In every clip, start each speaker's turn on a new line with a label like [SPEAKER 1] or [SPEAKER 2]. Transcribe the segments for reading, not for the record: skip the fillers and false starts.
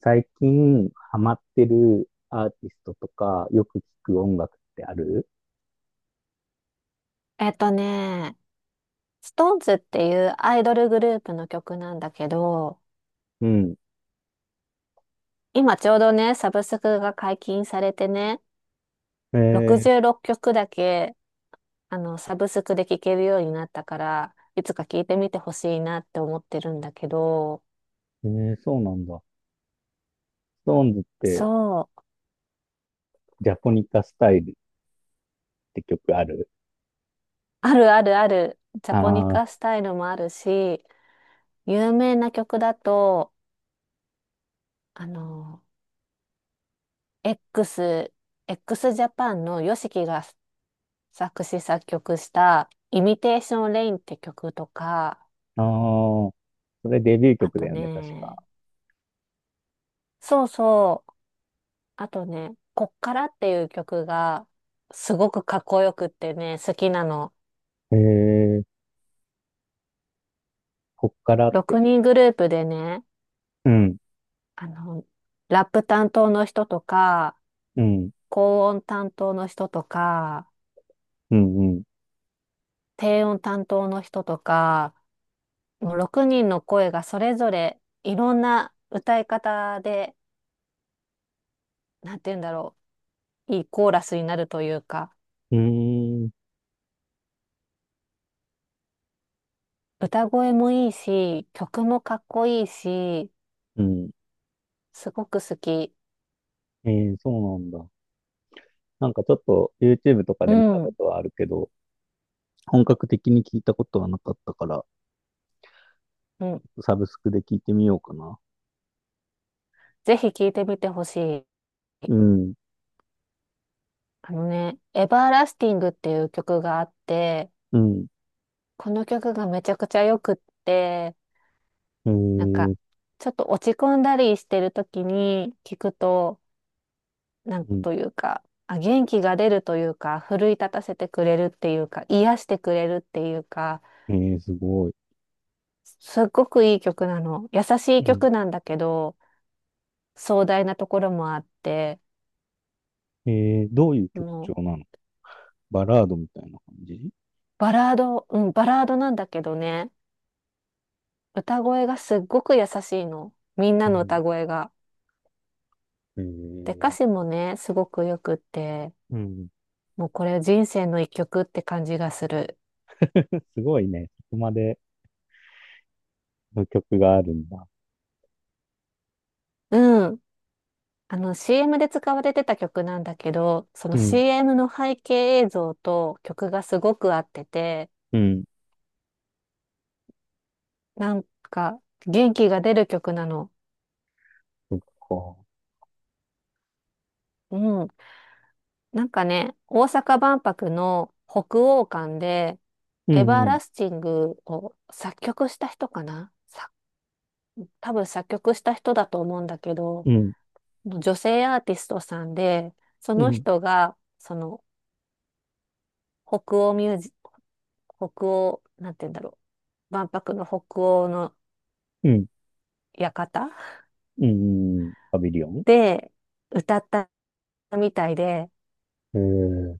[SPEAKER 1] 最近ハマってるアーティストとか、よく聞く音楽ってある？
[SPEAKER 2] えっとね、ストーンズっていうアイドルグループの曲なんだけど、
[SPEAKER 1] うん。
[SPEAKER 2] 今ちょうどね、サブスクが解禁されてね、
[SPEAKER 1] え
[SPEAKER 2] 66曲だけ、サブスクで聴けるようになったから、いつか聴いてみてほしいなって思ってるんだけど、
[SPEAKER 1] ー、えー、そうなんだ。ストーンズって、
[SPEAKER 2] そう、
[SPEAKER 1] ジャポニカスタイルって曲ある？
[SPEAKER 2] あるあるある、ジャ
[SPEAKER 1] あ
[SPEAKER 2] ポニ
[SPEAKER 1] あー、
[SPEAKER 2] カスタイルもあるし、有名な曲だと、あの、X、x ジャパンのヨシキが作詞作曲したイミテーションレインって曲とか、
[SPEAKER 1] あー。それデビュー
[SPEAKER 2] あ
[SPEAKER 1] 曲だ
[SPEAKER 2] と
[SPEAKER 1] よね、確か。
[SPEAKER 2] ね、そうそう、あとね、こっからっていう曲がすごくかっこよくってね、好きなの。
[SPEAKER 1] えー、こっからっ
[SPEAKER 2] 6
[SPEAKER 1] て。
[SPEAKER 2] 人グループでね、
[SPEAKER 1] うん、
[SPEAKER 2] あの、ラップ担当の人とか、
[SPEAKER 1] うん、
[SPEAKER 2] 高音担当の人とか、
[SPEAKER 1] うん、うん。
[SPEAKER 2] 低音担当の人とか、もう6人の声がそれぞれいろんな歌い方で、なんて言うんだろう、いいコーラスになるというか、
[SPEAKER 1] うーん、
[SPEAKER 2] 歌声もいいし、曲もかっこいいし、
[SPEAKER 1] うん。
[SPEAKER 2] すごく好き。
[SPEAKER 1] えー、そうなんだ。なんかちょっと YouTube とか
[SPEAKER 2] う
[SPEAKER 1] で見たこ
[SPEAKER 2] ん、
[SPEAKER 1] とはあるけど、本格的に聞いたことはなかったから、
[SPEAKER 2] うん。
[SPEAKER 1] サブスクで聞いてみようかな。
[SPEAKER 2] ぜひ聴いてみてほしい。
[SPEAKER 1] うん。
[SPEAKER 2] あのね、エバーラスティングっていう曲があって、
[SPEAKER 1] うん。
[SPEAKER 2] この曲がめちゃくちゃよくって、
[SPEAKER 1] え
[SPEAKER 2] なんか、
[SPEAKER 1] ー、
[SPEAKER 2] ちょっと落ち込んだりしてる時に聴くと、なん
[SPEAKER 1] うん。
[SPEAKER 2] というか、あ、元気が出るというか、奮い立たせてくれるっていうか、癒してくれるっていうか、
[SPEAKER 1] えー、すごい。
[SPEAKER 2] すっごくいい曲なの。優し
[SPEAKER 1] う
[SPEAKER 2] い
[SPEAKER 1] ん。
[SPEAKER 2] 曲なんだけど、壮大なところもあって、
[SPEAKER 1] えー、どういう
[SPEAKER 2] も
[SPEAKER 1] 曲調
[SPEAKER 2] う
[SPEAKER 1] なの？バラードみたいな感じ？
[SPEAKER 2] バラード、うん、バラードなんだけどね、歌声がすっごく優しいの。みん
[SPEAKER 1] う
[SPEAKER 2] なの
[SPEAKER 1] ん。
[SPEAKER 2] 歌声が。
[SPEAKER 1] え
[SPEAKER 2] で、歌詞
[SPEAKER 1] ー、
[SPEAKER 2] もね、すごくよくって、
[SPEAKER 1] うん。
[SPEAKER 2] もうこれ人生の一曲って感じがする。
[SPEAKER 1] すごいね。そこまでの曲があるんだ。
[SPEAKER 2] うん。あの CM で使われてた曲なんだけど、その
[SPEAKER 1] うん。
[SPEAKER 2] CM の背景映像と曲がすごく合ってて、
[SPEAKER 1] うん。
[SPEAKER 2] なんか元気が出る曲なの。
[SPEAKER 1] そっか。
[SPEAKER 2] うん。なんかね、大阪万博の北欧館で、
[SPEAKER 1] う
[SPEAKER 2] エバ
[SPEAKER 1] ん。
[SPEAKER 2] ー
[SPEAKER 1] うん。
[SPEAKER 2] ラスティングを作曲した人かなさ多分作曲した人だと思うんだけど、
[SPEAKER 1] うん。
[SPEAKER 2] 女性アーティストさんで、そ
[SPEAKER 1] う
[SPEAKER 2] の
[SPEAKER 1] ん。
[SPEAKER 2] 人が、北欧ミュージ、北欧、なんて言うんだろう。万博の北欧の
[SPEAKER 1] う
[SPEAKER 2] 館
[SPEAKER 1] ん。うん、パビリオン。
[SPEAKER 2] で歌ったみたいで、
[SPEAKER 1] えー、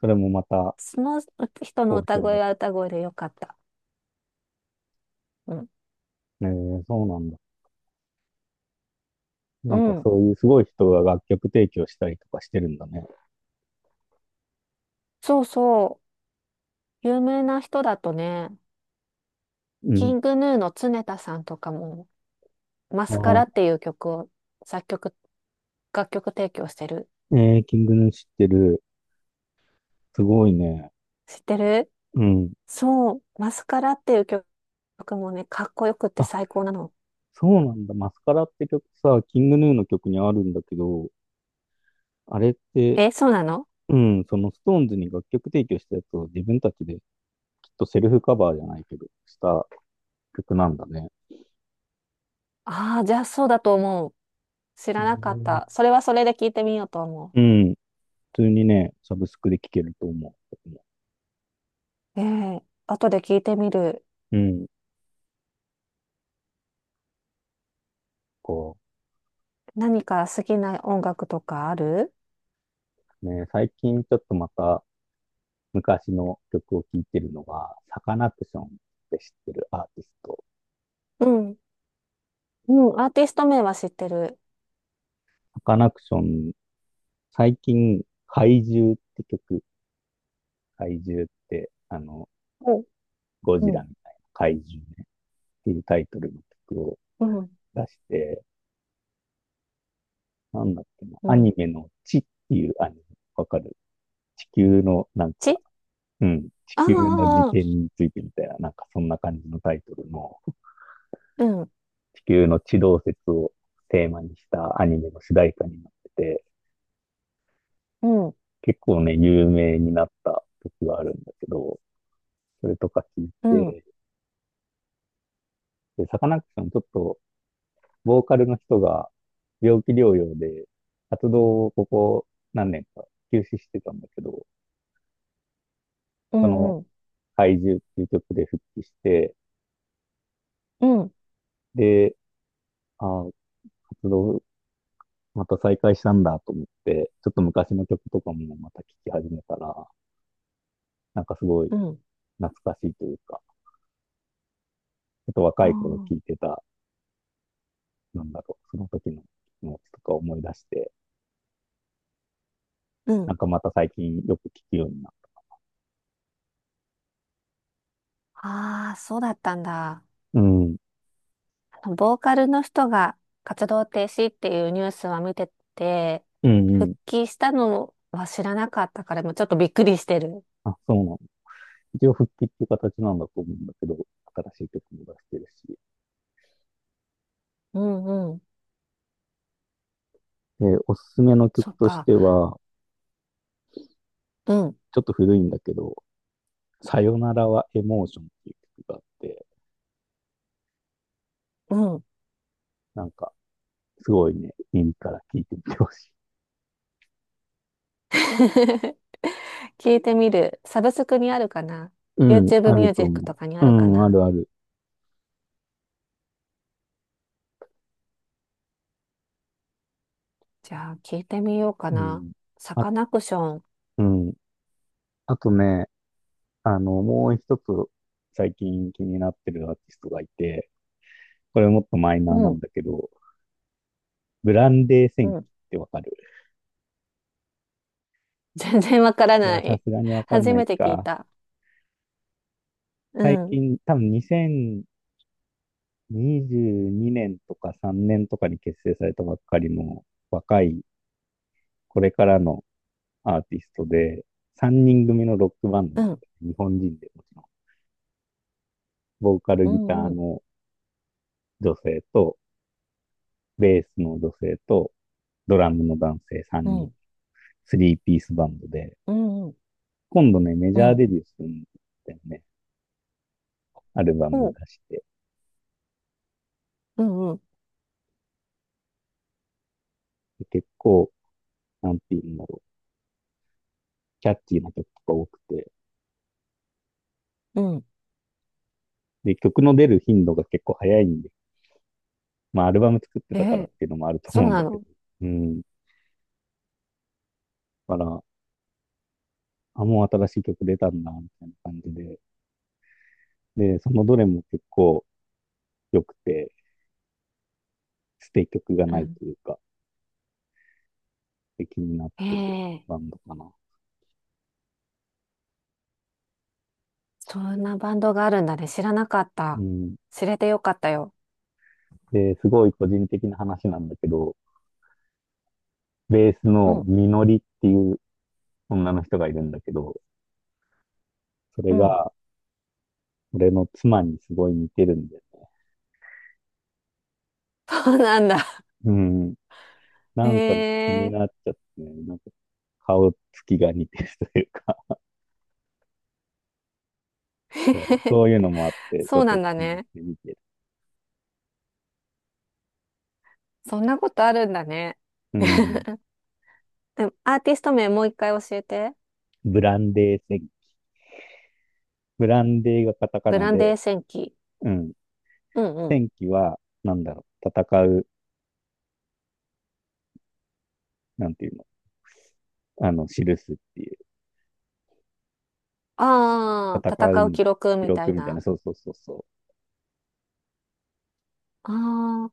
[SPEAKER 1] それもまた
[SPEAKER 2] その人
[SPEAKER 1] 好
[SPEAKER 2] の歌
[SPEAKER 1] 評だっ
[SPEAKER 2] 声は歌声でよかった。うん。
[SPEAKER 1] た。えー、そうなんだ。な
[SPEAKER 2] う
[SPEAKER 1] んか
[SPEAKER 2] ん。
[SPEAKER 1] そういうすごい人が楽曲提供したりとかしてるんだね。
[SPEAKER 2] そうそう。有名な人だとね、
[SPEAKER 1] う
[SPEAKER 2] キ
[SPEAKER 1] ん。
[SPEAKER 2] ングヌーの常田さんとかも、マスカラっ
[SPEAKER 1] あ
[SPEAKER 2] ていう曲を作曲、楽曲提供してる。
[SPEAKER 1] ー、えー、キングヌー知ってる。すごいね。
[SPEAKER 2] 知ってる。
[SPEAKER 1] うん。
[SPEAKER 2] そう、マスカラっていう曲もね、かっこよくって
[SPEAKER 1] あ、
[SPEAKER 2] 最高なの。
[SPEAKER 1] そうなんだ。マスカラって曲さ、キングヌーの曲にあるんだけど、あれって、
[SPEAKER 2] え、そうなの。
[SPEAKER 1] うん、そのストーンズに楽曲提供したやつを自分たちできっとセルフカバーじゃないけど、した曲なんだね。
[SPEAKER 2] ああー、じゃあそうだと思う。知
[SPEAKER 1] う
[SPEAKER 2] らなかっ
[SPEAKER 1] ん
[SPEAKER 2] た。それはそれで聞いてみようと思
[SPEAKER 1] うん。普通にね、サブスクで聴けると思う。僕も、
[SPEAKER 2] う。ええ、後で聞いてみる。
[SPEAKER 1] うん。こ
[SPEAKER 2] 何か好きな音楽とかある？
[SPEAKER 1] う、ね、最近ちょっとまた昔の曲を聴いてるのが、サカナクションって知ってるアーティスト。
[SPEAKER 2] うん。うん、アーティスト名は知ってる。
[SPEAKER 1] サカナクション、最近、怪獣って曲、怪獣って、あの、
[SPEAKER 2] うん。
[SPEAKER 1] ゴ
[SPEAKER 2] う
[SPEAKER 1] ジラ
[SPEAKER 2] ん。
[SPEAKER 1] みたいな怪獣ね、っていうタイトルの曲を
[SPEAKER 2] うん。
[SPEAKER 1] 出して、なんだっけな、
[SPEAKER 2] う
[SPEAKER 1] アニ
[SPEAKER 2] ん。
[SPEAKER 1] メの地っていうアニメ、わかる？地球のなんか、
[SPEAKER 2] ち、
[SPEAKER 1] うん、地
[SPEAKER 2] あ
[SPEAKER 1] 球の時
[SPEAKER 2] あー、
[SPEAKER 1] 点についてみたいな、なんかそんな感じのタイトルの、
[SPEAKER 2] うん。
[SPEAKER 1] 地球の地動説をテーマにしたアニメの主題歌になってて、
[SPEAKER 2] うん。
[SPEAKER 1] 結構ね、有名になった曲があるんだけど、それとか聞い
[SPEAKER 2] うん。
[SPEAKER 1] て、で、サカナクションちょっとボーカルの人が病気療養で活動をここ何年か休止してたんだけど、
[SPEAKER 2] う
[SPEAKER 1] その
[SPEAKER 2] ん。うん。
[SPEAKER 1] 怪獣っていう曲で復帰して、
[SPEAKER 2] うん。
[SPEAKER 1] で、あー、活動また再開したんだと思って、ちょっと昔の曲とかもまた聴き始めたら、なんかすごい
[SPEAKER 2] うん。
[SPEAKER 1] 懐かしいというか、ちょっと
[SPEAKER 2] あ
[SPEAKER 1] 若い頃
[SPEAKER 2] ー、
[SPEAKER 1] 聴いてた、なんだろう、その時の気持ちとか思い出して、
[SPEAKER 2] う
[SPEAKER 1] な
[SPEAKER 2] ん。
[SPEAKER 1] んかまた最近よく聴くようになっ
[SPEAKER 2] ああ、そうだったんだ。
[SPEAKER 1] た。うん。
[SPEAKER 2] あの、ボーカルの人が活動停止っていうニュースは見てて、
[SPEAKER 1] うんう
[SPEAKER 2] 復
[SPEAKER 1] ん。
[SPEAKER 2] 帰したのは知らなかったから、もうちょっとびっくりしてる。
[SPEAKER 1] あ、そうなんだ。一応復帰っていう形なんだと思うんだけど、新しい曲も出してるし。
[SPEAKER 2] うんうん。
[SPEAKER 1] で、おすすめの
[SPEAKER 2] そ
[SPEAKER 1] 曲
[SPEAKER 2] っ
[SPEAKER 1] とし
[SPEAKER 2] か。
[SPEAKER 1] ては、
[SPEAKER 2] うん。
[SPEAKER 1] ちょっと古いんだけど、さよならはエモーションっていう曲があって、
[SPEAKER 2] うん。
[SPEAKER 1] なんか、すごいね、耳から聴いてみてほしい。
[SPEAKER 2] 聞いてみる。サブスクにあるかな？
[SPEAKER 1] うん、
[SPEAKER 2] YouTube
[SPEAKER 1] あ
[SPEAKER 2] ミュ
[SPEAKER 1] る
[SPEAKER 2] ージ
[SPEAKER 1] と
[SPEAKER 2] ック
[SPEAKER 1] 思
[SPEAKER 2] とかにあ
[SPEAKER 1] う。う
[SPEAKER 2] るか
[SPEAKER 1] ん、あ
[SPEAKER 2] な？
[SPEAKER 1] るある。
[SPEAKER 2] じゃあ、聞いてみようか
[SPEAKER 1] う
[SPEAKER 2] な。
[SPEAKER 1] ん。
[SPEAKER 2] サ
[SPEAKER 1] あ、
[SPEAKER 2] カナクション。
[SPEAKER 1] うん。あとね、あの、もう一つ最近気になってるアーティストがいて、これもっとマイナー
[SPEAKER 2] う
[SPEAKER 1] なん
[SPEAKER 2] ん。
[SPEAKER 1] だけど、ブランデー
[SPEAKER 2] う
[SPEAKER 1] 戦記
[SPEAKER 2] ん。
[SPEAKER 1] ってわかる？
[SPEAKER 2] 全然わから
[SPEAKER 1] いや、
[SPEAKER 2] な
[SPEAKER 1] さ
[SPEAKER 2] い。
[SPEAKER 1] すがにわかん
[SPEAKER 2] 初
[SPEAKER 1] ない
[SPEAKER 2] めて聞い
[SPEAKER 1] か。
[SPEAKER 2] た。う
[SPEAKER 1] 最
[SPEAKER 2] ん、
[SPEAKER 1] 近、多分2022年とか3年とかに結成されたばっかりの若い、これからのアーティストで、3人組のロックバンド
[SPEAKER 2] う
[SPEAKER 1] なん
[SPEAKER 2] ん、
[SPEAKER 1] で、日本人でもちろん。ボーカル
[SPEAKER 2] う
[SPEAKER 1] ギター
[SPEAKER 2] ん、うん、
[SPEAKER 1] の女性と、ベースの女性と、ドラムの男性
[SPEAKER 2] う
[SPEAKER 1] 3人、
[SPEAKER 2] ん、
[SPEAKER 1] 3ピースバンドで、
[SPEAKER 2] うん、
[SPEAKER 1] 今度ね、メジ
[SPEAKER 2] う
[SPEAKER 1] ャーデ
[SPEAKER 2] ん、
[SPEAKER 1] ビューするんだよね。アルバ
[SPEAKER 2] お
[SPEAKER 1] ム
[SPEAKER 2] う、
[SPEAKER 1] 出して。
[SPEAKER 2] うん、うん、
[SPEAKER 1] で結構、なんていうんだろう、キャッチーな曲とか多くて、
[SPEAKER 2] うん。
[SPEAKER 1] で、曲の出る頻度が結構早いんで、まあ、アルバム作って
[SPEAKER 2] え
[SPEAKER 1] たからっ
[SPEAKER 2] え、
[SPEAKER 1] ていうのもあると
[SPEAKER 2] そ
[SPEAKER 1] 思
[SPEAKER 2] う
[SPEAKER 1] うん
[SPEAKER 2] な
[SPEAKER 1] だけど。
[SPEAKER 2] の。
[SPEAKER 1] うん。だから、あ、もう新しい曲出たんだ、みたいな感じで。で、そのどれも結構良くて、捨て曲が
[SPEAKER 2] う
[SPEAKER 1] ない
[SPEAKER 2] ん。
[SPEAKER 1] というか、気になっ
[SPEAKER 2] え
[SPEAKER 1] てる
[SPEAKER 2] え、
[SPEAKER 1] バンドかな。
[SPEAKER 2] そんなバンドがあるんだね。知らなかっ
[SPEAKER 1] う
[SPEAKER 2] た。
[SPEAKER 1] ん。
[SPEAKER 2] 知れてよかったよ。
[SPEAKER 1] で、すごい個人的な話なんだけど、ベース
[SPEAKER 2] う
[SPEAKER 1] の
[SPEAKER 2] ん、
[SPEAKER 1] みのりっていう女の人がいるんだけど、それ
[SPEAKER 2] うん。
[SPEAKER 1] が俺の妻にすごい似てるんだよね。
[SPEAKER 2] そうなんだ。
[SPEAKER 1] うん。
[SPEAKER 2] へ
[SPEAKER 1] なんか気にな
[SPEAKER 2] え。
[SPEAKER 1] っちゃってね、なんか顔つきが似てるというか、そう そういうのもあって、ち
[SPEAKER 2] そ
[SPEAKER 1] ょ
[SPEAKER 2] う
[SPEAKER 1] っ
[SPEAKER 2] な
[SPEAKER 1] と
[SPEAKER 2] んだ
[SPEAKER 1] 気に入っ
[SPEAKER 2] ね。
[SPEAKER 1] てみてる。
[SPEAKER 2] そんなことあるんだね。
[SPEAKER 1] うん。
[SPEAKER 2] でもアーティスト名もう一回教えて。
[SPEAKER 1] ブランデー戦記。ブランデーがカタカ
[SPEAKER 2] ブ
[SPEAKER 1] ナ
[SPEAKER 2] ラン
[SPEAKER 1] で、
[SPEAKER 2] デー戦記。
[SPEAKER 1] うん。
[SPEAKER 2] うんうん。
[SPEAKER 1] 戦記は、なんだろう、戦う、なんていうの、あの、記すっていう、
[SPEAKER 2] あ
[SPEAKER 1] 戦
[SPEAKER 2] あ、
[SPEAKER 1] う
[SPEAKER 2] 戦う
[SPEAKER 1] に
[SPEAKER 2] 記録
[SPEAKER 1] 記
[SPEAKER 2] みた
[SPEAKER 1] 録
[SPEAKER 2] い
[SPEAKER 1] みたいな、
[SPEAKER 2] な。
[SPEAKER 1] そうそうそうそ
[SPEAKER 2] ああ、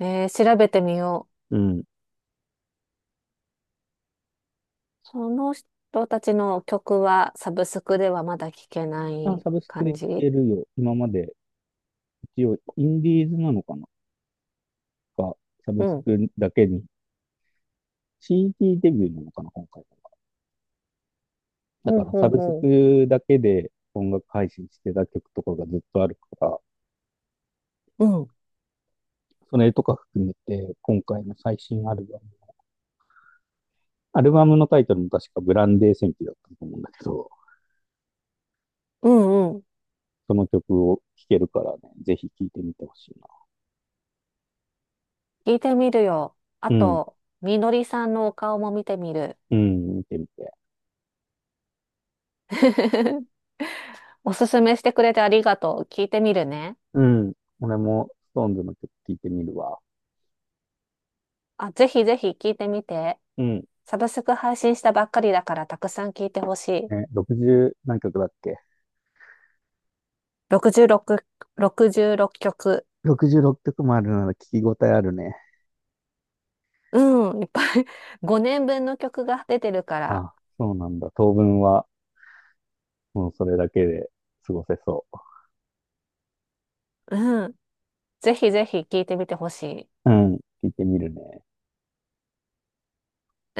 [SPEAKER 2] えー調べてみよう。
[SPEAKER 1] う。うん。
[SPEAKER 2] その人たちの曲はサブスクではまだ聴けな
[SPEAKER 1] あ、
[SPEAKER 2] い
[SPEAKER 1] サブスクで
[SPEAKER 2] 感
[SPEAKER 1] 聞
[SPEAKER 2] じ？
[SPEAKER 1] けるよ。今まで、一応、インディーズなのかなが、サブ
[SPEAKER 2] う
[SPEAKER 1] ス
[SPEAKER 2] ん。
[SPEAKER 1] クだけに、CD ディーデビューなのかな、今回。だ
[SPEAKER 2] ほう
[SPEAKER 1] から、
[SPEAKER 2] ほ
[SPEAKER 1] サ
[SPEAKER 2] う
[SPEAKER 1] ブス
[SPEAKER 2] ほう。
[SPEAKER 1] クだけで音楽配信してた曲とかがずっとあるから、
[SPEAKER 2] うん。
[SPEAKER 1] それとか含めて、今回の最新アルバム。アルバムのタイトルも確かブランデー戦記だったと思うんだけど、
[SPEAKER 2] うんうん。
[SPEAKER 1] その曲を聴けるからね、ぜひ聴いてみてほしいな。
[SPEAKER 2] 聞いてみるよ。あ
[SPEAKER 1] うん。
[SPEAKER 2] と、みのりさんのお顔も見てみる。
[SPEAKER 1] うん、見てみて。
[SPEAKER 2] おすすめしてくれてありがとう。聞いてみるね。
[SPEAKER 1] うん。俺も、ストーンズの曲聴いてみるわ。
[SPEAKER 2] あ、ぜひぜひ聞いてみて。
[SPEAKER 1] うん。
[SPEAKER 2] サブスク配信したばっかりだからたくさん聞いてほしい。
[SPEAKER 1] ね、60何曲だっけ？
[SPEAKER 2] 66、66曲。
[SPEAKER 1] 66 曲もあるなら聞き応えあるね。
[SPEAKER 2] うん、いっぱい。 5年分の曲が出てるから、
[SPEAKER 1] あ、そうなんだ。当分は、もうそれだけで過ごせそ
[SPEAKER 2] うん、ぜひぜひ聴いてみてほしい。
[SPEAKER 1] う。うん。聴いてみるね。